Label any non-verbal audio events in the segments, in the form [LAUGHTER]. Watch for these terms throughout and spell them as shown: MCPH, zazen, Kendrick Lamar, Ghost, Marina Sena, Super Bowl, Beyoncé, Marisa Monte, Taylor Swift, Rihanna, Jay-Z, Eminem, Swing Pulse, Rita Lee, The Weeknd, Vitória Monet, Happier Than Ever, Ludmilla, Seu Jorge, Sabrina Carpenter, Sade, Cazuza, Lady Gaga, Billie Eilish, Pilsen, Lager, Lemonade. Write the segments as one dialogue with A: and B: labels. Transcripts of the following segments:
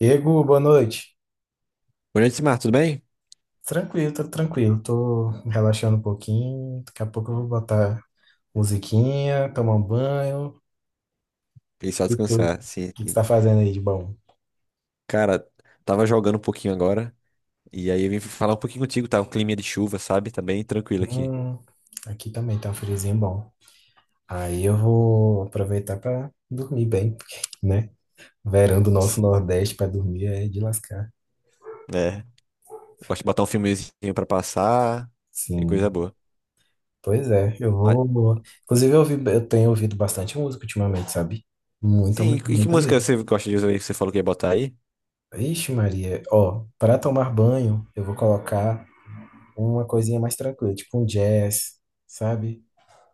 A: Ego, boa noite.
B: Boa noite, Simar, tudo bem?
A: Tranquilo. Tô relaxando um pouquinho. Daqui a pouco eu vou botar musiquinha, tomar um banho.
B: E só
A: E tu? O
B: descansar, sim,
A: que que você
B: sim.
A: tá fazendo aí de bom?
B: Cara, tava jogando um pouquinho agora, e aí eu vim falar um pouquinho contigo, tá? Um clima de chuva, sabe? Tá bem tranquilo aqui.
A: Hum, aqui também tá um friozinho bom. Aí eu vou aproveitar pra dormir bem, [LAUGHS] porque, né? Verão do nosso
B: Sim.
A: Nordeste pra dormir é de lascar.
B: É, gosto de botar um filmezinho pra passar, e coisa
A: Sim.
B: boa.
A: Pois é, eu
B: Mas,
A: vou. Inclusive, eu ouvi, eu tenho ouvido bastante música ultimamente, sabe? Muita,
B: sim,
A: muita,
B: e que
A: muita
B: música
A: mesmo.
B: você gosta de usar aí que você falou que ia botar aí?
A: Ixi, Maria, ó, para tomar banho, eu vou colocar uma coisinha mais tranquila, tipo um jazz, sabe?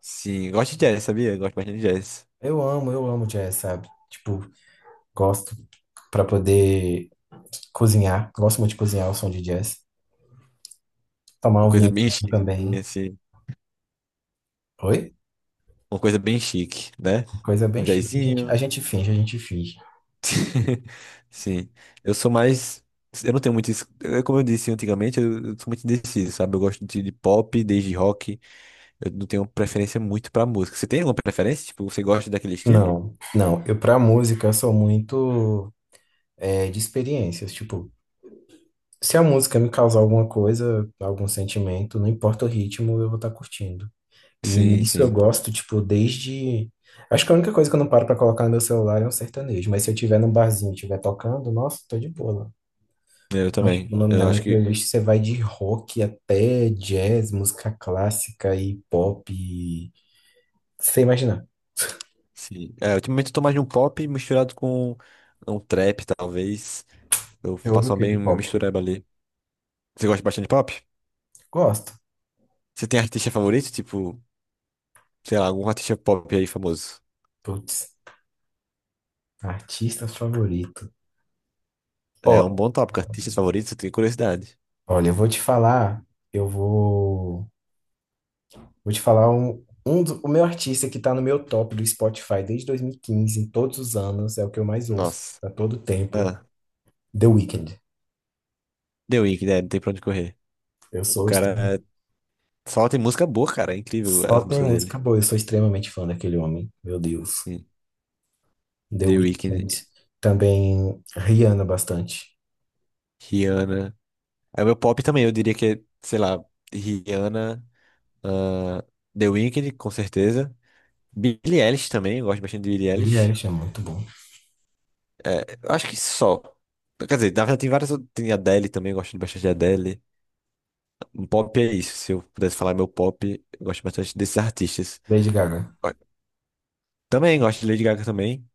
B: Sim, gosto de jazz, sabia? Gosto bastante de jazz.
A: Eu amo jazz, sabe? Tipo, gosto para poder cozinhar, gosto muito de cozinhar o som de jazz. Tomar
B: Uma
A: um
B: coisa bem
A: vinhozinho
B: chique,
A: também.
B: assim,
A: Oi?
B: uma coisa bem chique, né?
A: Coisa
B: Um
A: bem chique. A gente,
B: jazzinho.
A: a gente finge, a gente finge.
B: [LAUGHS] Sim. Eu sou mais. Eu não tenho muito. Como eu disse antigamente, eu sou muito indeciso, sabe? Eu gosto de pop, desde rock. Eu não tenho preferência muito pra música. Você tem alguma preferência? Tipo, você gosta daquele estilo?
A: Não, não, eu pra música eu sou muito de experiências, tipo, se a música me causar alguma coisa, algum sentimento, não importa o ritmo, eu vou estar curtindo. E
B: Sim,
A: nisso eu
B: sim.
A: gosto, tipo, desde. Acho que a única coisa que eu não paro pra colocar no meu celular é um sertanejo. Mas se eu tiver num barzinho e estiver tocando, nossa, tô de boa lá.
B: Eu
A: Mas,
B: também.
A: tipo, na
B: Eu acho
A: minha
B: que.
A: playlist você vai de rock até jazz, música clássica e pop. E... Sem imaginar.
B: Sim. É, ultimamente eu tô mais de um pop misturado com um trap, talvez. Eu
A: Você ouve o
B: faço uma
A: que de
B: bem
A: pop?
B: mistureba ali. Você gosta bastante de pop?
A: Gosto.
B: Você tem artista favorito? Tipo, sei lá, algum artista pop aí famoso?
A: Putz, artista favorito.
B: É um
A: Ó,
B: bom tópico. Artistas favoritos, eu tenho curiosidade.
A: olha, eu vou te falar. Eu vou. Vou te falar o meu artista que tá no meu top do Spotify desde 2015, em todos os anos, é o que eu mais ouço
B: Nossa.
A: a todo tempo,
B: Ah,
A: The Weeknd.
B: The Weeknd, é, não tem pra onde correr.
A: Eu
B: O
A: sou extrem-
B: cara é, só tem música boa, cara. É incrível
A: só
B: as
A: tem
B: músicas dele.
A: música boa, eu sou extremamente fã daquele homem. Meu Deus.
B: Hum.
A: The
B: The Weeknd,
A: Weeknd. Também Rihanna bastante.
B: Rihanna. É o meu pop também, eu diria que é, sei lá, Rihanna, ah, The Weeknd, com certeza. Billie Eilish também, eu gosto bastante de Billie
A: Billie
B: Eilish.
A: Eilish é muito bom.
B: É, eu acho que só. Quer dizer, na verdade tem várias. Tem Adele também, eu gosto bastante de Adele. Um pop é isso. Se eu pudesse falar meu pop, eu gosto bastante desses artistas.
A: Lady Gaga.
B: Também gosto de Lady Gaga também.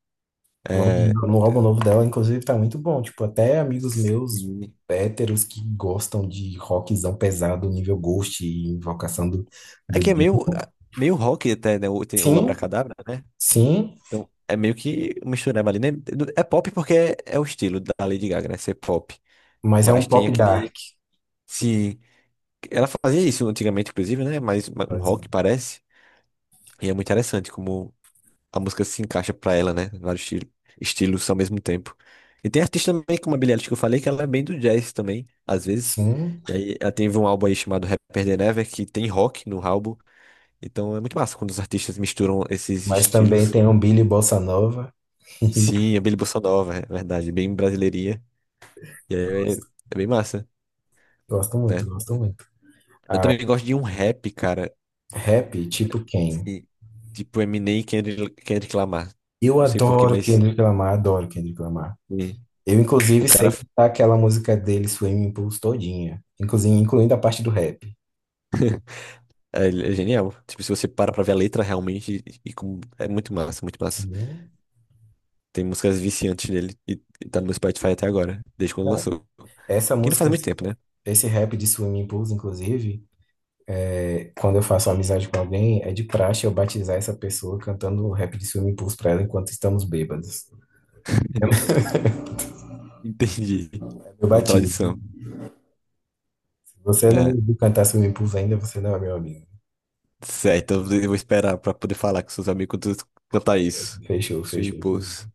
A: O álbum,
B: É,
A: no álbum novo dela, inclusive, tá muito bom. Tipo, até amigos meus
B: sim.
A: héteros que gostam de rockzão pesado, nível Ghost e invocação do,
B: É
A: do...
B: que é meio rock até, né? O, tem o
A: Sim,
B: Abracadabra, né?
A: sim,
B: Então é meio que uma mistureba ali, né? É pop porque é o estilo da Lady Gaga, né? Ser pop.
A: mas é um
B: Mas tem
A: pop dark,
B: aquele. Sim. Ela fazia isso antigamente, inclusive, né? Mas um
A: pode dizer.
B: rock parece. E é muito interessante como a música se encaixa pra ela, né? Vários estilos ao mesmo tempo. E tem artista também, como a Billie Eilish que eu falei, que ela é bem do jazz também, às vezes.
A: Sim,
B: E aí ela teve um álbum aí chamado Happier Than Ever, que tem rock no álbum. Então é muito massa quando os artistas misturam esses
A: mas também
B: estilos.
A: tem um Billy Bossa Nova. [LAUGHS]
B: Sim, é bem bossa nova, é verdade, bem brasileirinha. E aí é bem massa,
A: Gosto muito,
B: né?
A: gosto muito.
B: Eu
A: Ah,
B: também gosto de um rap, cara,
A: rap, tipo quem?
B: assim, tipo Eminem e Kendrick Lamar.
A: Eu
B: Não sei porquê,
A: adoro
B: mas
A: Kendrick Lamar, adoro Kendrick Lamar.
B: sim,
A: Eu,
B: o
A: inclusive,
B: cara
A: sei que tá aquela música dele, Swim Impulse, todinha. Inclusive, incluindo a parte do rap.
B: ele é genial. Tipo, se você para pra ver a letra realmente, e é muito massa, muito massa.
A: Sim.
B: Tem músicas viciantes dele e tá no meu Spotify até agora, desde quando
A: Bom
B: lançou.
A: essa
B: Que não
A: música,
B: faz muito tempo, né?
A: esse rap de Swim Impulse, inclusive, é quando eu faço amizade com alguém, é de praxe eu batizar essa pessoa cantando o rap de Swimming Pools pra ela enquanto estamos bêbados. É.
B: [LAUGHS] Entendi.
A: Eu
B: Não
A: bati.
B: tradição,
A: Se você não
B: né?
A: me viu cantar Swimming Pools ainda, você não é meu amigo.
B: Certo, eu vou esperar pra poder falar com seus amigos quando tu cantar isso.
A: Fechou,
B: Swing
A: fechou, fechou.
B: Pulse.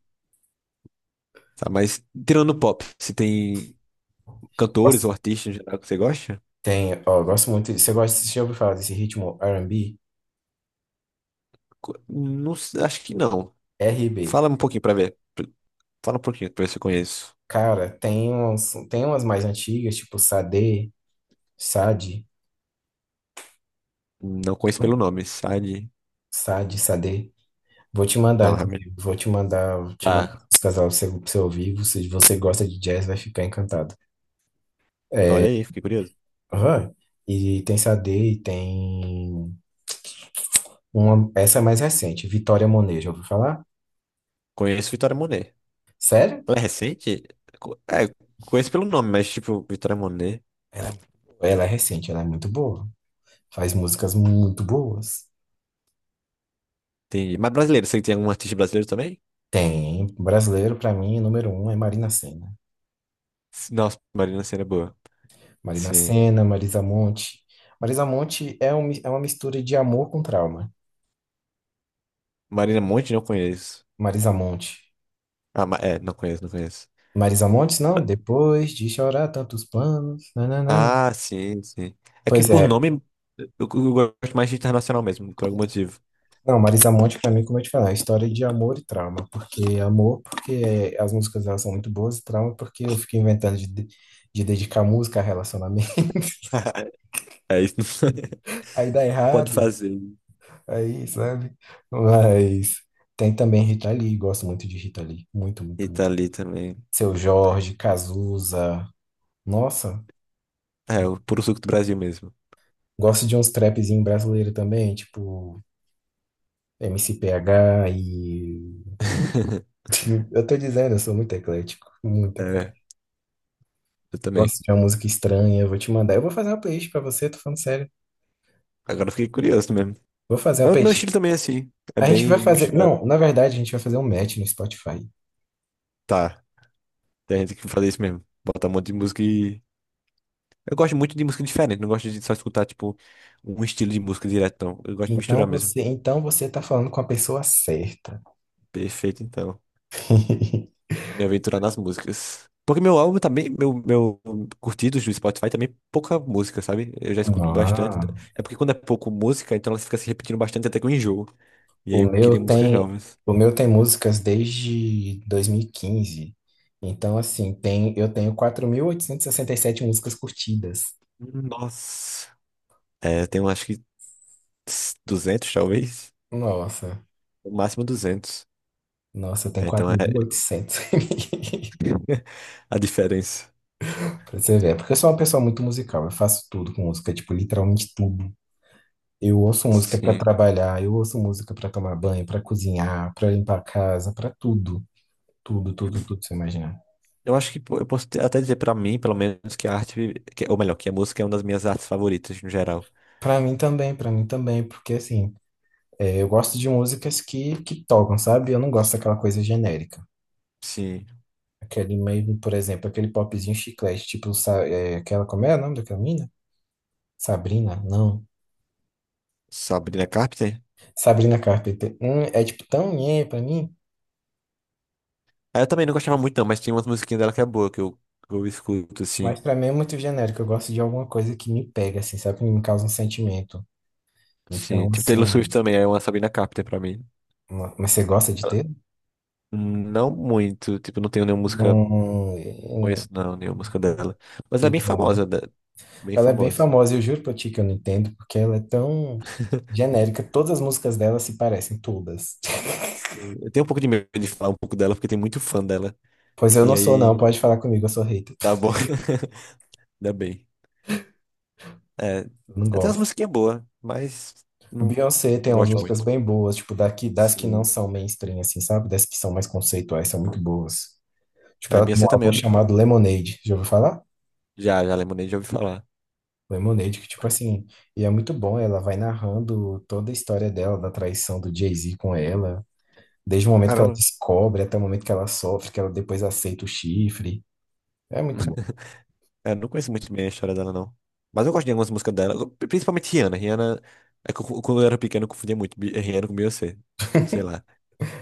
B: Tá, mas tirando pop, se tem cantores ou
A: Nossa,
B: artistas em geral que você gosta?
A: tem, ó, eu gosto muito. Você gosta, você já ouviu falar desse ritmo R&B?
B: Não, acho que não.
A: RB.
B: Fala um pouquinho pra ver. Fala um pouquinho pra ver se eu conheço.
A: Cara, tem uns, tem umas mais antigas, tipo Sade, Sade,
B: Não conheço pelo
A: hum?
B: nome, sabe?
A: Sade, Sade. Vou te mandar,
B: Não, realmente.
A: inclusive. Vou te mandar
B: Tá.
A: os casal pra você ouvir. Se Você- você gosta de jazz, vai ficar encantado.
B: Olha
A: É.
B: aí, fiquei curioso.
A: Aham. E tem Sade, e tem uma, essa é mais recente, Vitória Monet, já ouviu falar?
B: Conheço Vitória Monet.
A: Sério?
B: Ela é recente? É, conheço pelo nome, mas tipo, Vitória Monet.
A: Ela, ela é recente, ela é muito boa. Faz músicas muito boas.
B: Entendi. Mas brasileiro, você tem algum artista brasileiro também?
A: Tem. Brasileiro, pra mim, número um é Marina Sena.
B: Nossa, Marina Sena é boa.
A: Marina
B: Sim.
A: Sena, Marisa Monte. Marisa Monte é uma mistura de amor com trauma.
B: Marina Monte não conheço.
A: Marisa Monte.
B: Ah, não conheço, não conheço.
A: Marisa Monte, não, depois de chorar tantos planos. Nananana.
B: Ah, sim, sim. É que
A: Pois
B: por
A: é.
B: nome eu gosto mais de internacional mesmo, por algum motivo.
A: Não, Marisa Monte, pra mim, como eu te falei, é história de amor e trauma. Porque é amor, porque é, as músicas dela são muito boas, e trauma, porque eu fico inventando de dedicar música a relacionamento.
B: [LAUGHS] É isso. [LAUGHS]
A: [LAUGHS] Aí dá
B: Pode
A: errado.
B: fazer.
A: Aí, sabe? Mas tem também Rita Lee, gosto muito de Rita Lee. Muito,
B: E
A: muito, muito.
B: tá ali também.
A: Seu Jorge, Cazuza. Nossa,
B: É, o puro suco do Brasil mesmo.
A: gosto de uns trapzinhos brasileiros também, tipo MCPH e.
B: [LAUGHS]
A: [LAUGHS] Eu tô dizendo, eu sou muito eclético. Muito
B: É,
A: eclético.
B: eu também.
A: Gosto de uma música estranha, eu vou te mandar. Eu vou fazer uma playlist pra você, tô falando sério.
B: Agora eu fiquei curioso mesmo.
A: Vou fazer uma
B: Mas o meu
A: playlist.
B: estilo também é assim. É
A: A gente
B: bem
A: vai fazer.
B: misturado.
A: Não, na verdade, a gente vai fazer um match no Spotify.
B: Tá, tem gente que faz isso mesmo. Bota um monte de música e. Eu gosto muito de música diferente. Não gosto de só escutar, tipo, um estilo de música direto, não. Eu gosto de
A: Então
B: misturar mesmo.
A: você, então você tá falando com a pessoa certa.
B: Perfeito, então. Me aventurar nas músicas. Porque meu álbum também, meu curtidos do Spotify também é pouca música, sabe? Eu já escuto bastante.
A: Ah.
B: É porque quando é pouco música, então ela fica se repetindo bastante até que eu enjoo. E aí
A: O
B: eu
A: meu
B: queria músicas
A: tem,
B: novas.
A: o meu tem músicas desde 2015. Então, assim, tem, eu tenho 4.867 músicas curtidas.
B: Nossa. É, eu tenho acho que 200 talvez.
A: Nossa,
B: No máximo duzentos.
A: nossa, eu tenho
B: É, então é
A: 4.800.
B: [LAUGHS] a diferença.
A: [LAUGHS] Pra você ver, é porque eu sou uma pessoa muito musical, eu faço tudo com música, tipo, literalmente tudo. Eu ouço música pra
B: Sim.
A: trabalhar, eu ouço música pra tomar banho, pra cozinhar, pra limpar a casa, pra tudo, tudo, tudo, tudo, você imaginar.
B: Eu acho que pô, eu posso até dizer pra mim, pelo menos, que a arte, ou melhor, que a música é uma das minhas artes favoritas no geral.
A: Pra mim também, porque assim, é, eu gosto de músicas que tocam, sabe? Eu não gosto daquela coisa genérica.
B: Sim.
A: Aquele meio, por exemplo, aquele popzinho chiclete, tipo, aquela, como é o nome daquela mina? Sabrina? Não.
B: Sabrina Carpenter?
A: Sabrina Carpenter. É tipo tão nhé pra mim,
B: Aí eu também não gostava muito, não, mas tem umas musiquinhas dela que é boa, que eu escuto, assim.
A: mas pra mim é muito genérico. Eu gosto de alguma coisa que me pega, assim, sabe? Que me causa um sentimento.
B: Sim,
A: Então,
B: tipo Taylor Swift
A: assim,
B: também, é uma Sabrina Carpenter pra mim.
A: mas você gosta de
B: Ela-
A: ter?
B: Não muito, tipo, não tenho nenhuma música,
A: Um,
B: conheço
A: um,
B: não, nenhuma música dela. Mas ela
A: que
B: é bem
A: bom.
B: famosa, bem
A: Ela é bem
B: famosa.
A: famosa, eu juro pra ti que eu não entendo, porque ela é tão
B: [LAUGHS]
A: genérica. Todas as músicas dela se parecem, todas.
B: Eu tenho um pouco de medo de falar um pouco dela, porque tem muito fã dela.
A: Pois eu
B: E
A: não sou, não.
B: aí,
A: Pode falar comigo, eu sou hater.
B: tá bom, [LAUGHS] ainda bem. É,
A: Eu não
B: até umas
A: gosto.
B: musiquinhas boas, mas não
A: Beyoncé tem umas
B: gosto
A: músicas
B: muito.
A: bem boas, tipo, daqui, das que não
B: Sim,
A: são mainstream, assim, sabe? Das que são mais conceituais, são muito boas. Tipo,
B: a
A: ela tem
B: Beyoncé
A: um
B: também,
A: álbum chamado Lemonade. Já ouviu falar?
B: já, Lemonade, já ouvi falar.
A: Lemonade, que, tipo assim, e é muito bom. Ela vai narrando toda a história dela, da traição do Jay-Z com ela, desde o momento que ela
B: Caramba.
A: descobre até o momento que ela sofre, que ela depois aceita o chifre. É muito bom.
B: [LAUGHS] É, não conheço muito bem a história dela, não. Mas eu gosto de algumas músicas dela, principalmente Rihanna. Rihanna, é que quando eu era pequeno, eu confundia muito Rihanna com Beyoncé. Sei lá.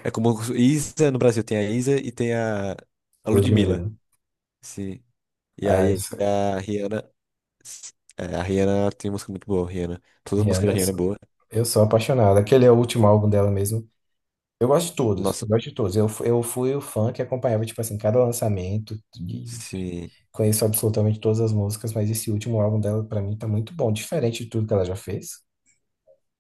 B: É como Isa no Brasil, tem a Isa e tem a
A: A
B: Ludmilla.
A: Ludmilla.
B: Sim. E
A: A
B: aí a Rihanna. É, a Rihanna tem música muito boa, Rihanna. Todas as músicas
A: Rihanna,
B: da
A: eu
B: Rihanna é
A: sou,
B: boa.
A: eu sou apaixonado. Aquele é o último álbum dela mesmo. Eu gosto de todos,
B: Nossa,
A: gosto de todos. Eu fui o fã que acompanhava, tipo assim, cada lançamento, e
B: sim.
A: conheço absolutamente todas as músicas, mas esse último álbum dela, pra mim, tá muito bom, diferente de tudo que ela já fez,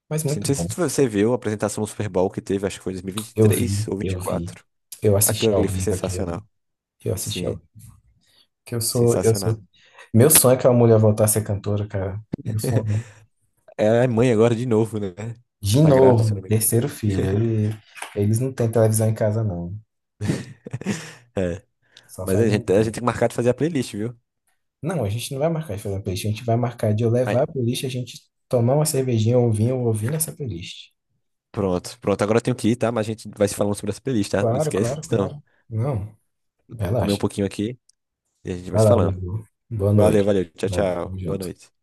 A: mas
B: Sim, não
A: muito
B: sei se
A: bom.
B: você viu a apresentação no Super Bowl que teve, acho que foi em
A: Eu
B: 2023
A: vi,
B: ou
A: eu vi,
B: 2024.
A: eu
B: Aquilo
A: assisti ao
B: ali foi
A: vivo aquilo ali,
B: sensacional.
A: eu assisti ao
B: Sim,
A: vivo. Que eu sou, eu sou.
B: sensacional.
A: Meu sonho é que a mulher voltar a ser cantora, cara. Meu sonho.
B: [LAUGHS]
A: Né?
B: Ela é mãe agora de novo, né?
A: De
B: Tá grávida, se eu
A: novo,
B: não me engano.
A: terceiro filho.
B: [LAUGHS]
A: Eles não têm televisão em casa, não.
B: É.
A: Só
B: Mas a
A: faz
B: gente, a gente
A: menino.
B: tem que marcar de fazer a playlist, viu?
A: Não, a gente não vai marcar de fazer uma playlist. A gente vai marcar de eu
B: Aí,
A: levar a playlist, a gente tomar uma cervejinha ou um vinho ouvindo essa playlist.
B: pronto, pronto. Agora eu tenho que ir, tá? Mas a gente vai se falando sobre essa playlist, tá? Não
A: Claro,
B: esquece,
A: claro,
B: não.
A: claro. Não,
B: Vou comer um
A: relaxa.
B: pouquinho aqui e a gente vai
A: Vai
B: se
A: lá,
B: falando.
A: amigo. Boa
B: Valeu,
A: noite.
B: valeu. Tchau,
A: Vai,
B: tchau.
A: tamo
B: Boa
A: junto.
B: noite.